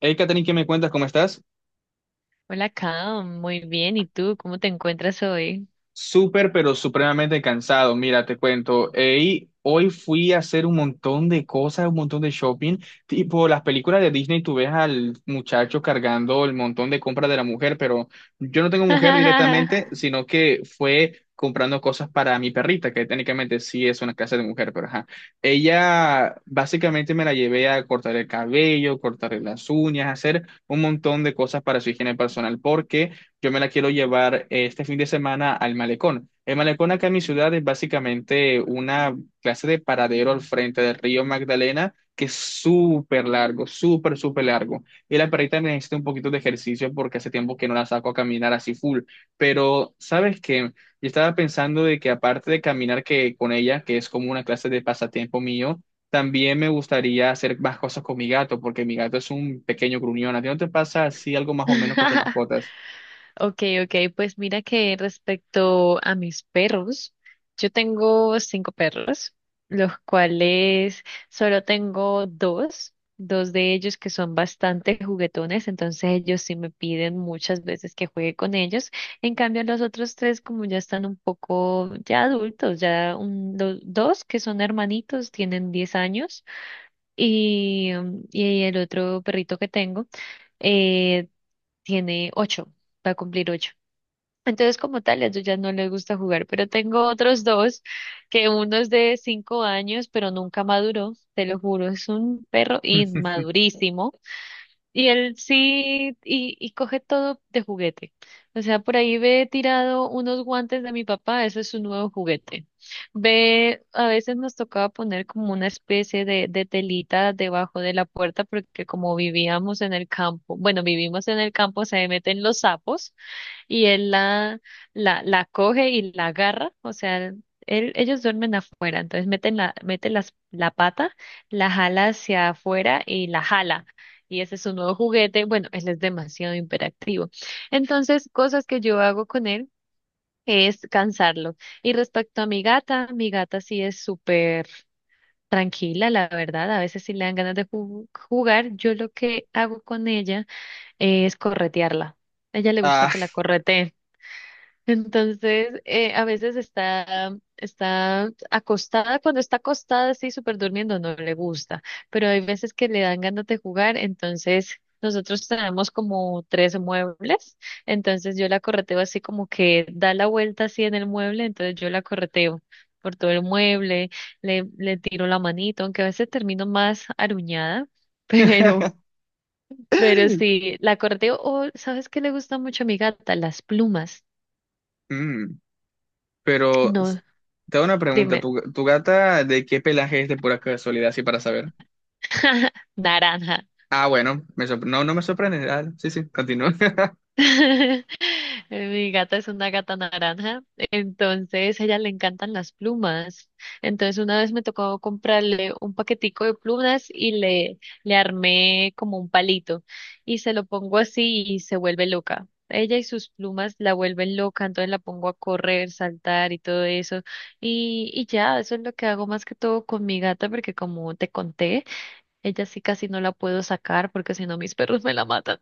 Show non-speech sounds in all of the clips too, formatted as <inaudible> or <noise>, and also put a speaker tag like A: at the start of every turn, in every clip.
A: Hey, Katherine, ¿qué me cuentas? ¿Cómo estás?
B: Hola, Cam. Muy bien. ¿Y tú? ¿Cómo te encuentras hoy?
A: Súper, pero supremamente cansado. Mira, te cuento. Hey, hoy fui a hacer un montón de cosas, un montón de shopping. Tipo, las películas de Disney, tú ves al muchacho cargando el montón de compras de la mujer, pero yo no tengo mujer
B: <laughs>
A: directamente, sino que fue comprando cosas para mi perrita, que técnicamente sí es una casa de mujer, pero ajá. Ella básicamente me la llevé a cortar el cabello, cortarle las uñas, hacer un montón de cosas para su higiene personal, porque yo me la quiero llevar este fin de semana al malecón. El malecón acá en mi ciudad es básicamente una clase de paradero al frente del río Magdalena que es súper largo, súper, súper largo. Y la perrita necesita un poquito de ejercicio porque hace tiempo que no la saco a caminar así full. Pero, ¿sabes qué? Yo estaba pensando de que aparte de caminar que con ella, que es como una clase de pasatiempo mío, también me gustaría hacer más cosas con mi gato, porque mi gato es un pequeño gruñón. ¿A ti no te pasa así algo más o menos con tus mascotas?
B: Ok, ok. Pues mira que respecto a mis perros, yo tengo cinco perros, los cuales solo tengo dos, dos de ellos que son bastante juguetones, entonces ellos sí me piden muchas veces que juegue con ellos. En cambio, los otros tres, como ya están un poco ya adultos, ya los dos que son hermanitos, tienen 10 años. Y, y el otro perrito que tengo eh, tiene 8, va a cumplir 8. Entonces, como tal, a ellos ya no les gusta jugar, pero tengo otros dos, que uno es de 5 años, pero nunca maduró, te lo juro, es un perro
A: <laughs>
B: inmadurísimo. Y él sí, y coge todo de juguete. O sea, por ahí ve tirado unos guantes de mi papá, ese es su nuevo juguete. Ve, a veces nos tocaba poner como una especie de telita debajo de la puerta, porque como vivíamos en el campo, bueno, vivimos en el campo, se meten los sapos y la coge y la agarra, o sea, ellos duermen afuera, entonces mete la pata, la jala hacia afuera y la jala. Y ese es su nuevo juguete. Bueno, él es demasiado hiperactivo. Entonces, cosas que yo hago con él es cansarlo. Y respecto a mi gata sí es súper tranquila, la verdad. A veces si le dan ganas de jugar, yo lo que hago con ella es corretearla. A ella le gusta
A: Ah,
B: que la correteen. Entonces, a veces está acostada, cuando está acostada, así súper durmiendo, no le gusta, pero hay veces que le dan ganas de jugar, entonces nosotros tenemos como tres muebles, entonces yo la correteo así como que da la vuelta así en el mueble, entonces yo la correteo por todo el mueble, le tiro la manito, aunque a veces termino más aruñada, <laughs> pero,
A: <laughs>
B: pero sí, la correteo, o ¿sabes qué le gusta mucho a mi gata? Las plumas.
A: mm, pero
B: No,
A: te hago una pregunta.
B: dime.
A: ¿Tu gata de qué pelaje es de pura casualidad, así para saber?
B: <laughs> Naranja.
A: Ah, bueno, no, no me sorprende. Ah, sí, sí, continúa. <laughs>
B: <laughs> Mi gata es una gata naranja, entonces a ella le encantan las plumas. Entonces una vez me tocó comprarle un paquetico de plumas y le armé como un palito y se lo pongo así y se vuelve loca. Ella y sus plumas la vuelven loca, entonces la pongo a correr, saltar y todo eso. Y ya, eso es lo que hago más que todo con mi gata, porque como te conté, ella sí casi no la puedo sacar porque si no mis perros me la matan.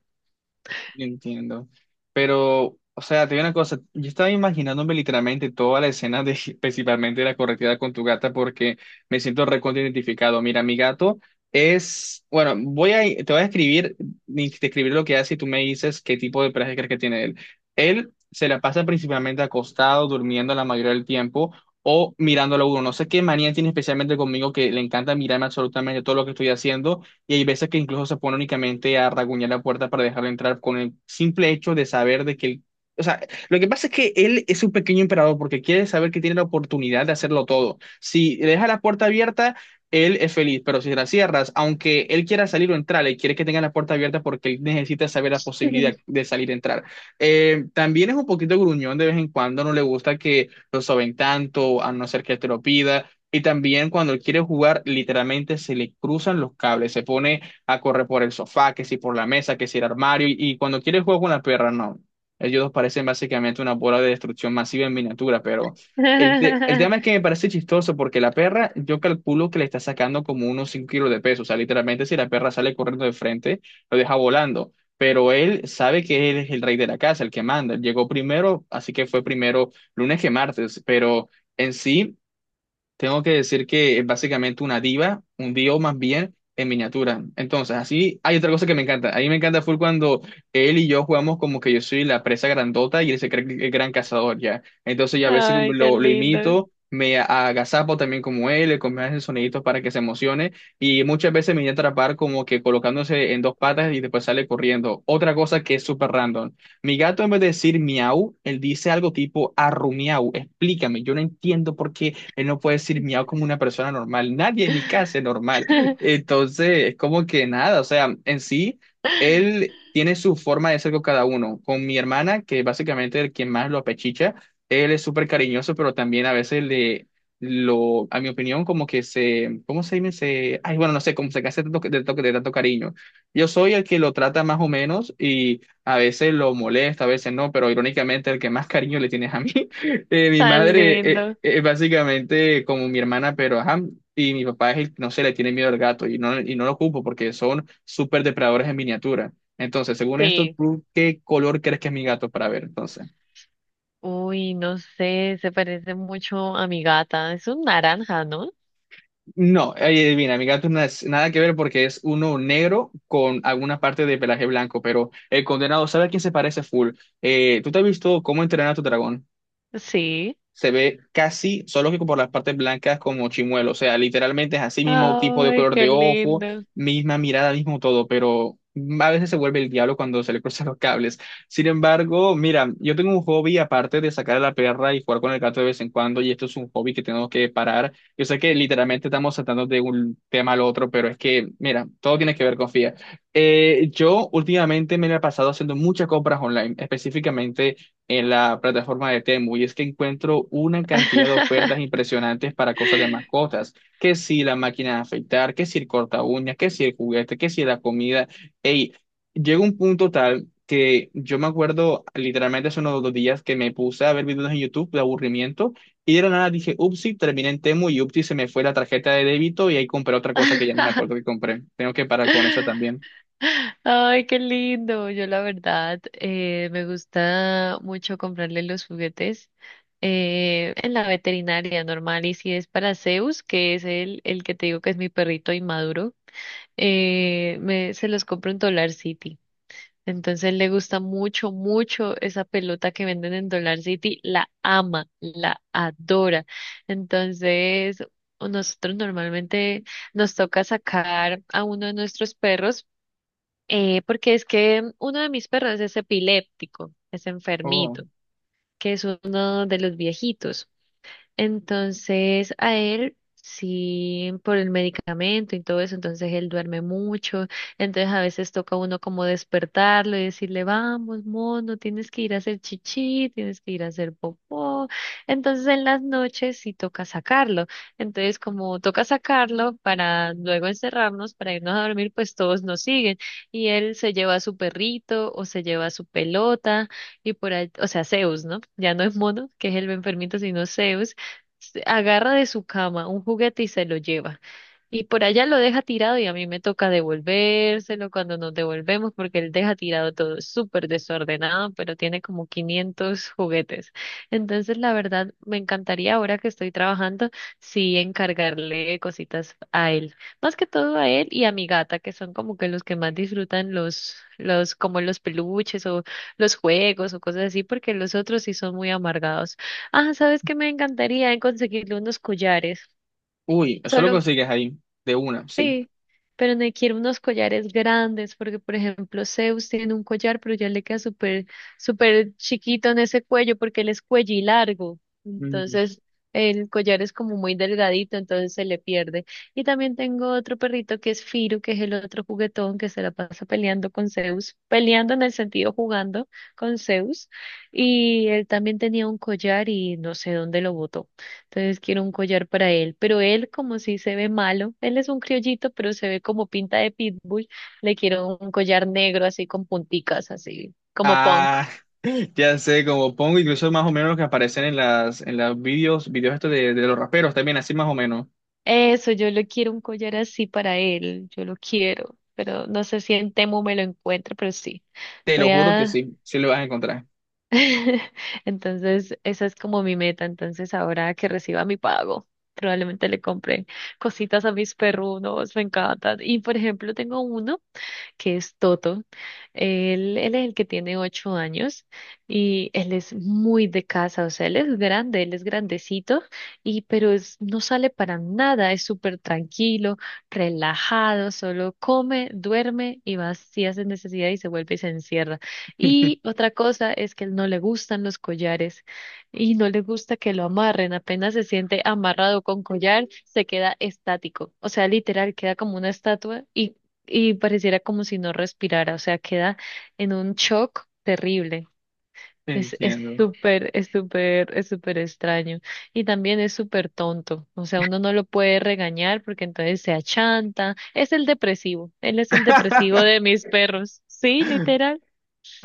A: Entiendo. Pero, o sea, te digo una cosa, yo estaba imaginándome literalmente toda la escena de <laughs> principalmente de la correteada con tu gata porque me siento recontra identificado. Mira, mi gato es, bueno, te voy a escribir, describir lo que hace y tú me dices qué tipo de traje crees que tiene él. Él se la pasa principalmente acostado, durmiendo la mayoría del tiempo o mirándolo a uno. No sé qué manía tiene especialmente conmigo que le encanta mirarme absolutamente todo lo que estoy haciendo y hay veces que incluso se pone únicamente a raguñar la puerta para dejarlo entrar con el simple hecho de saber de que él, o sea, lo que pasa es que él es un pequeño emperador porque quiere saber que tiene la oportunidad de hacerlo todo. Si le deja la puerta abierta, él es feliz, pero si la cierras, aunque él quiera salir o entrar, él quiere que tenga la puerta abierta porque él necesita saber la posibilidad
B: <laughs>
A: de salir e entrar. También es un poquito gruñón de vez en cuando, no le gusta que lo soben tanto, a no ser que te lo pida. Y también cuando él quiere jugar, literalmente se le cruzan los cables, se pone a correr por el sofá, que si por la mesa, que si el armario, y, cuando quiere jugar con la perra, no. Ellos dos parecen básicamente una bola de destrucción masiva en miniatura, pero el tema es que
B: <laughs>
A: me parece chistoso porque la perra, yo calculo que le está sacando como unos 5 kilos de peso, o sea, literalmente si la perra sale corriendo de frente, lo deja volando. Pero él sabe que él es el rey de la casa, el que manda. Llegó primero, así que fue primero lunes que martes, pero en sí tengo que decir que es básicamente una diva, un dios más bien en miniatura. Entonces, así hay otra cosa que me encanta. A mí me encanta full cuando él y yo jugamos como que yo soy la presa grandota y él se cree el gran cazador ya. Entonces, yo a veces
B: Ay, qué
A: lo
B: lindo.
A: imito, me agazapo también como él, le comienzo a hacer soniditos para que se emocione y muchas veces me viene a atrapar como que colocándose en dos patas y después sale corriendo. Otra cosa que es súper random. Mi gato en vez de decir miau, él dice algo tipo arrumiau. Explícame, yo no entiendo por qué. Él no puede decir miau como una persona normal. Nadie en mi casa es normal.
B: <laughs>
A: Entonces, es como que nada, o sea, en sí, él tiene su forma de ser con cada uno. Con mi hermana, que básicamente es quien más lo apechicha, él es súper cariñoso, pero también a veces le... Lo, a mi opinión, como que se, ¿cómo se dice? Se, ay, bueno, no sé, como se hace de tanto, de tanto cariño. Yo soy el que lo trata más o menos y a veces lo molesta, a veces no, pero irónicamente el que más cariño le tienes a mí. Mi
B: Tan
A: madre
B: lindo.
A: es básicamente como mi hermana, pero ajá, y mi papá es que, no sé, le tiene miedo al gato y no lo ocupo porque son súper depredadores en miniatura. Entonces, según esto,
B: Sí.
A: ¿tú qué color crees que es mi gato para ver? Entonces,
B: Uy, no sé, se parece mucho a mi gata. Es un naranja, ¿no?
A: no, ahí adivina, mi gato no es nada que ver porque es uno negro con alguna parte de pelaje blanco, pero el condenado, ¿sabe a quién se parece full? ¿Tú te has visto cómo entrenar a tu dragón?
B: Sí.
A: Se ve casi, solo que por las partes blancas como chimuelo, o sea, literalmente es así mismo tipo de
B: Ay,
A: color
B: qué
A: de ojo,
B: lindo.
A: misma mirada, mismo todo, pero a veces se vuelve el diablo cuando se le cruzan <laughs> los cables. Sin embargo, mira, yo tengo un hobby aparte de sacar a la perra y jugar con el gato de vez en cuando, y esto es un hobby que tenemos que parar. Yo sé que literalmente estamos saltando de un tema al otro, pero es que, mira, todo tiene que ver con FIA. Yo últimamente me la he pasado haciendo muchas compras online, específicamente en la plataforma de Temu y es que encuentro una cantidad de ofertas
B: <laughs>
A: impresionantes para cosas de mascotas, que si la máquina de afeitar, que si el corta uñas, que si el juguete, que si la comida. Ey, llega un punto tal que yo me acuerdo literalmente hace unos 2 días que me puse a ver videos en YouTube de aburrimiento y de la nada dije, upsi, terminé en Temu y upsi se me fue la tarjeta de débito y ahí compré otra cosa que ya ni me acuerdo que compré. Tengo que parar con esa también.
B: Ay, qué lindo. Yo la verdad, me gusta mucho comprarle los juguetes en la veterinaria normal. Y si es para Zeus, que es el que te digo que es mi perrito inmaduro. Se los compro en Dollar City. Entonces le gusta mucho, mucho esa pelota que venden en Dollar City. La ama, la adora. Entonces, o nosotros normalmente nos toca sacar a uno de nuestros perros, porque es que uno de mis perros es epiléptico, es
A: Oh.
B: enfermito, que es uno de los viejitos. Entonces, a él, sí, por el medicamento y todo eso, entonces él duerme mucho, entonces a veces toca uno como despertarlo y decirle, vamos, mono, tienes que ir a hacer chichi, tienes que ir a hacer popó. Entonces, en las noches sí toca sacarlo. Entonces, como toca sacarlo para luego encerrarnos, para irnos a dormir, pues todos nos siguen. Y él se lleva a su perrito o se lleva a su pelota y por ahí, o sea, Zeus, ¿no? Ya no es mono, que es el enfermito, sino Zeus se agarra de su cama un juguete y se lo lleva. Y por allá lo deja tirado y a mí me toca devolvérselo cuando nos devolvemos porque él deja tirado todo es súper desordenado, pero tiene como 500 juguetes. Entonces, la verdad, me encantaría ahora que estoy trabajando, sí, encargarle cositas a él. Más que todo a él y a mi gata, que son como que los que más disfrutan como los peluches o los juegos o cosas así, porque los otros sí son muy amargados. Ah, sabes que me encantaría conseguirle unos collares.
A: Uy, eso lo
B: Solo,
A: consigues ahí, de una, sí.
B: sí, pero me quiero unos collares grandes, porque por ejemplo, Zeus tiene un collar, pero ya le queda súper, súper chiquito en ese cuello, porque él es cuello y largo.
A: Mm.
B: Entonces, el collar es como muy delgadito, entonces se le pierde. Y también tengo otro perrito que es Firu, que es el otro juguetón que se la pasa peleando con Zeus, peleando en el sentido jugando con Zeus. Y él también tenía un collar y no sé dónde lo botó. Entonces quiero un collar para él, pero él como si se ve malo, él es un criollito, pero se ve como pinta de pitbull, le quiero un collar negro así con punticas, así como punk.
A: Ah. Ya sé, como pongo incluso más o menos los que aparecen en las en los videos estos de los raperos también, así más o menos.
B: Eso, yo le quiero un collar así para él, yo lo quiero, pero no sé si en Temu me lo encuentro, pero sí,
A: Te lo
B: voy
A: juro que
B: a...
A: sí, sí lo vas a encontrar.
B: <laughs> Entonces, esa es como mi meta, entonces ahora que reciba mi pago, probablemente le compre cositas a mis perrunos, me encantan. Y por ejemplo, tengo uno. Que es Toto. Él es el que tiene 8 años y él es muy de casa, o sea, él es grande, él es grandecito, y pero no sale para nada, es súper tranquilo, relajado, solo come, duerme y va si hace necesidad y se vuelve y se encierra. Y
A: <laughs>
B: otra cosa es que él no le gustan los collares y no le gusta que lo amarren, apenas se siente amarrado con collar, se queda estático, o sea, literal, queda como una estatua y pareciera como si no respirara, o sea, queda en un shock terrible.
A: Entiendo.
B: Es súper extraño. Y también es súper tonto. O sea, uno no lo puede regañar porque entonces se achanta. Es el depresivo. Él es el depresivo
A: <laughs>
B: de mis perros. Sí, literal.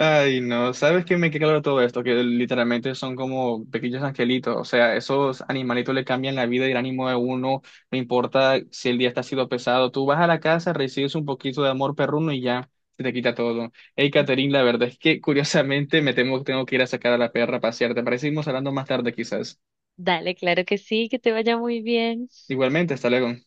A: Ay, no, ¿sabes qué me queda claro todo esto? Que literalmente son como pequeños angelitos, o sea, esos animalitos le cambian la vida y el ánimo de uno, no importa si el día está sido pesado, tú vas a la casa, recibes un poquito de amor perruno y ya se te quita todo. Hey, Catherine, la verdad es que curiosamente me temo que tengo que ir a sacar a la perra a pasear, ¿te parece? Que seguimos hablando más tarde quizás.
B: Dale, claro que sí, que te vaya muy bien.
A: Igualmente, hasta luego.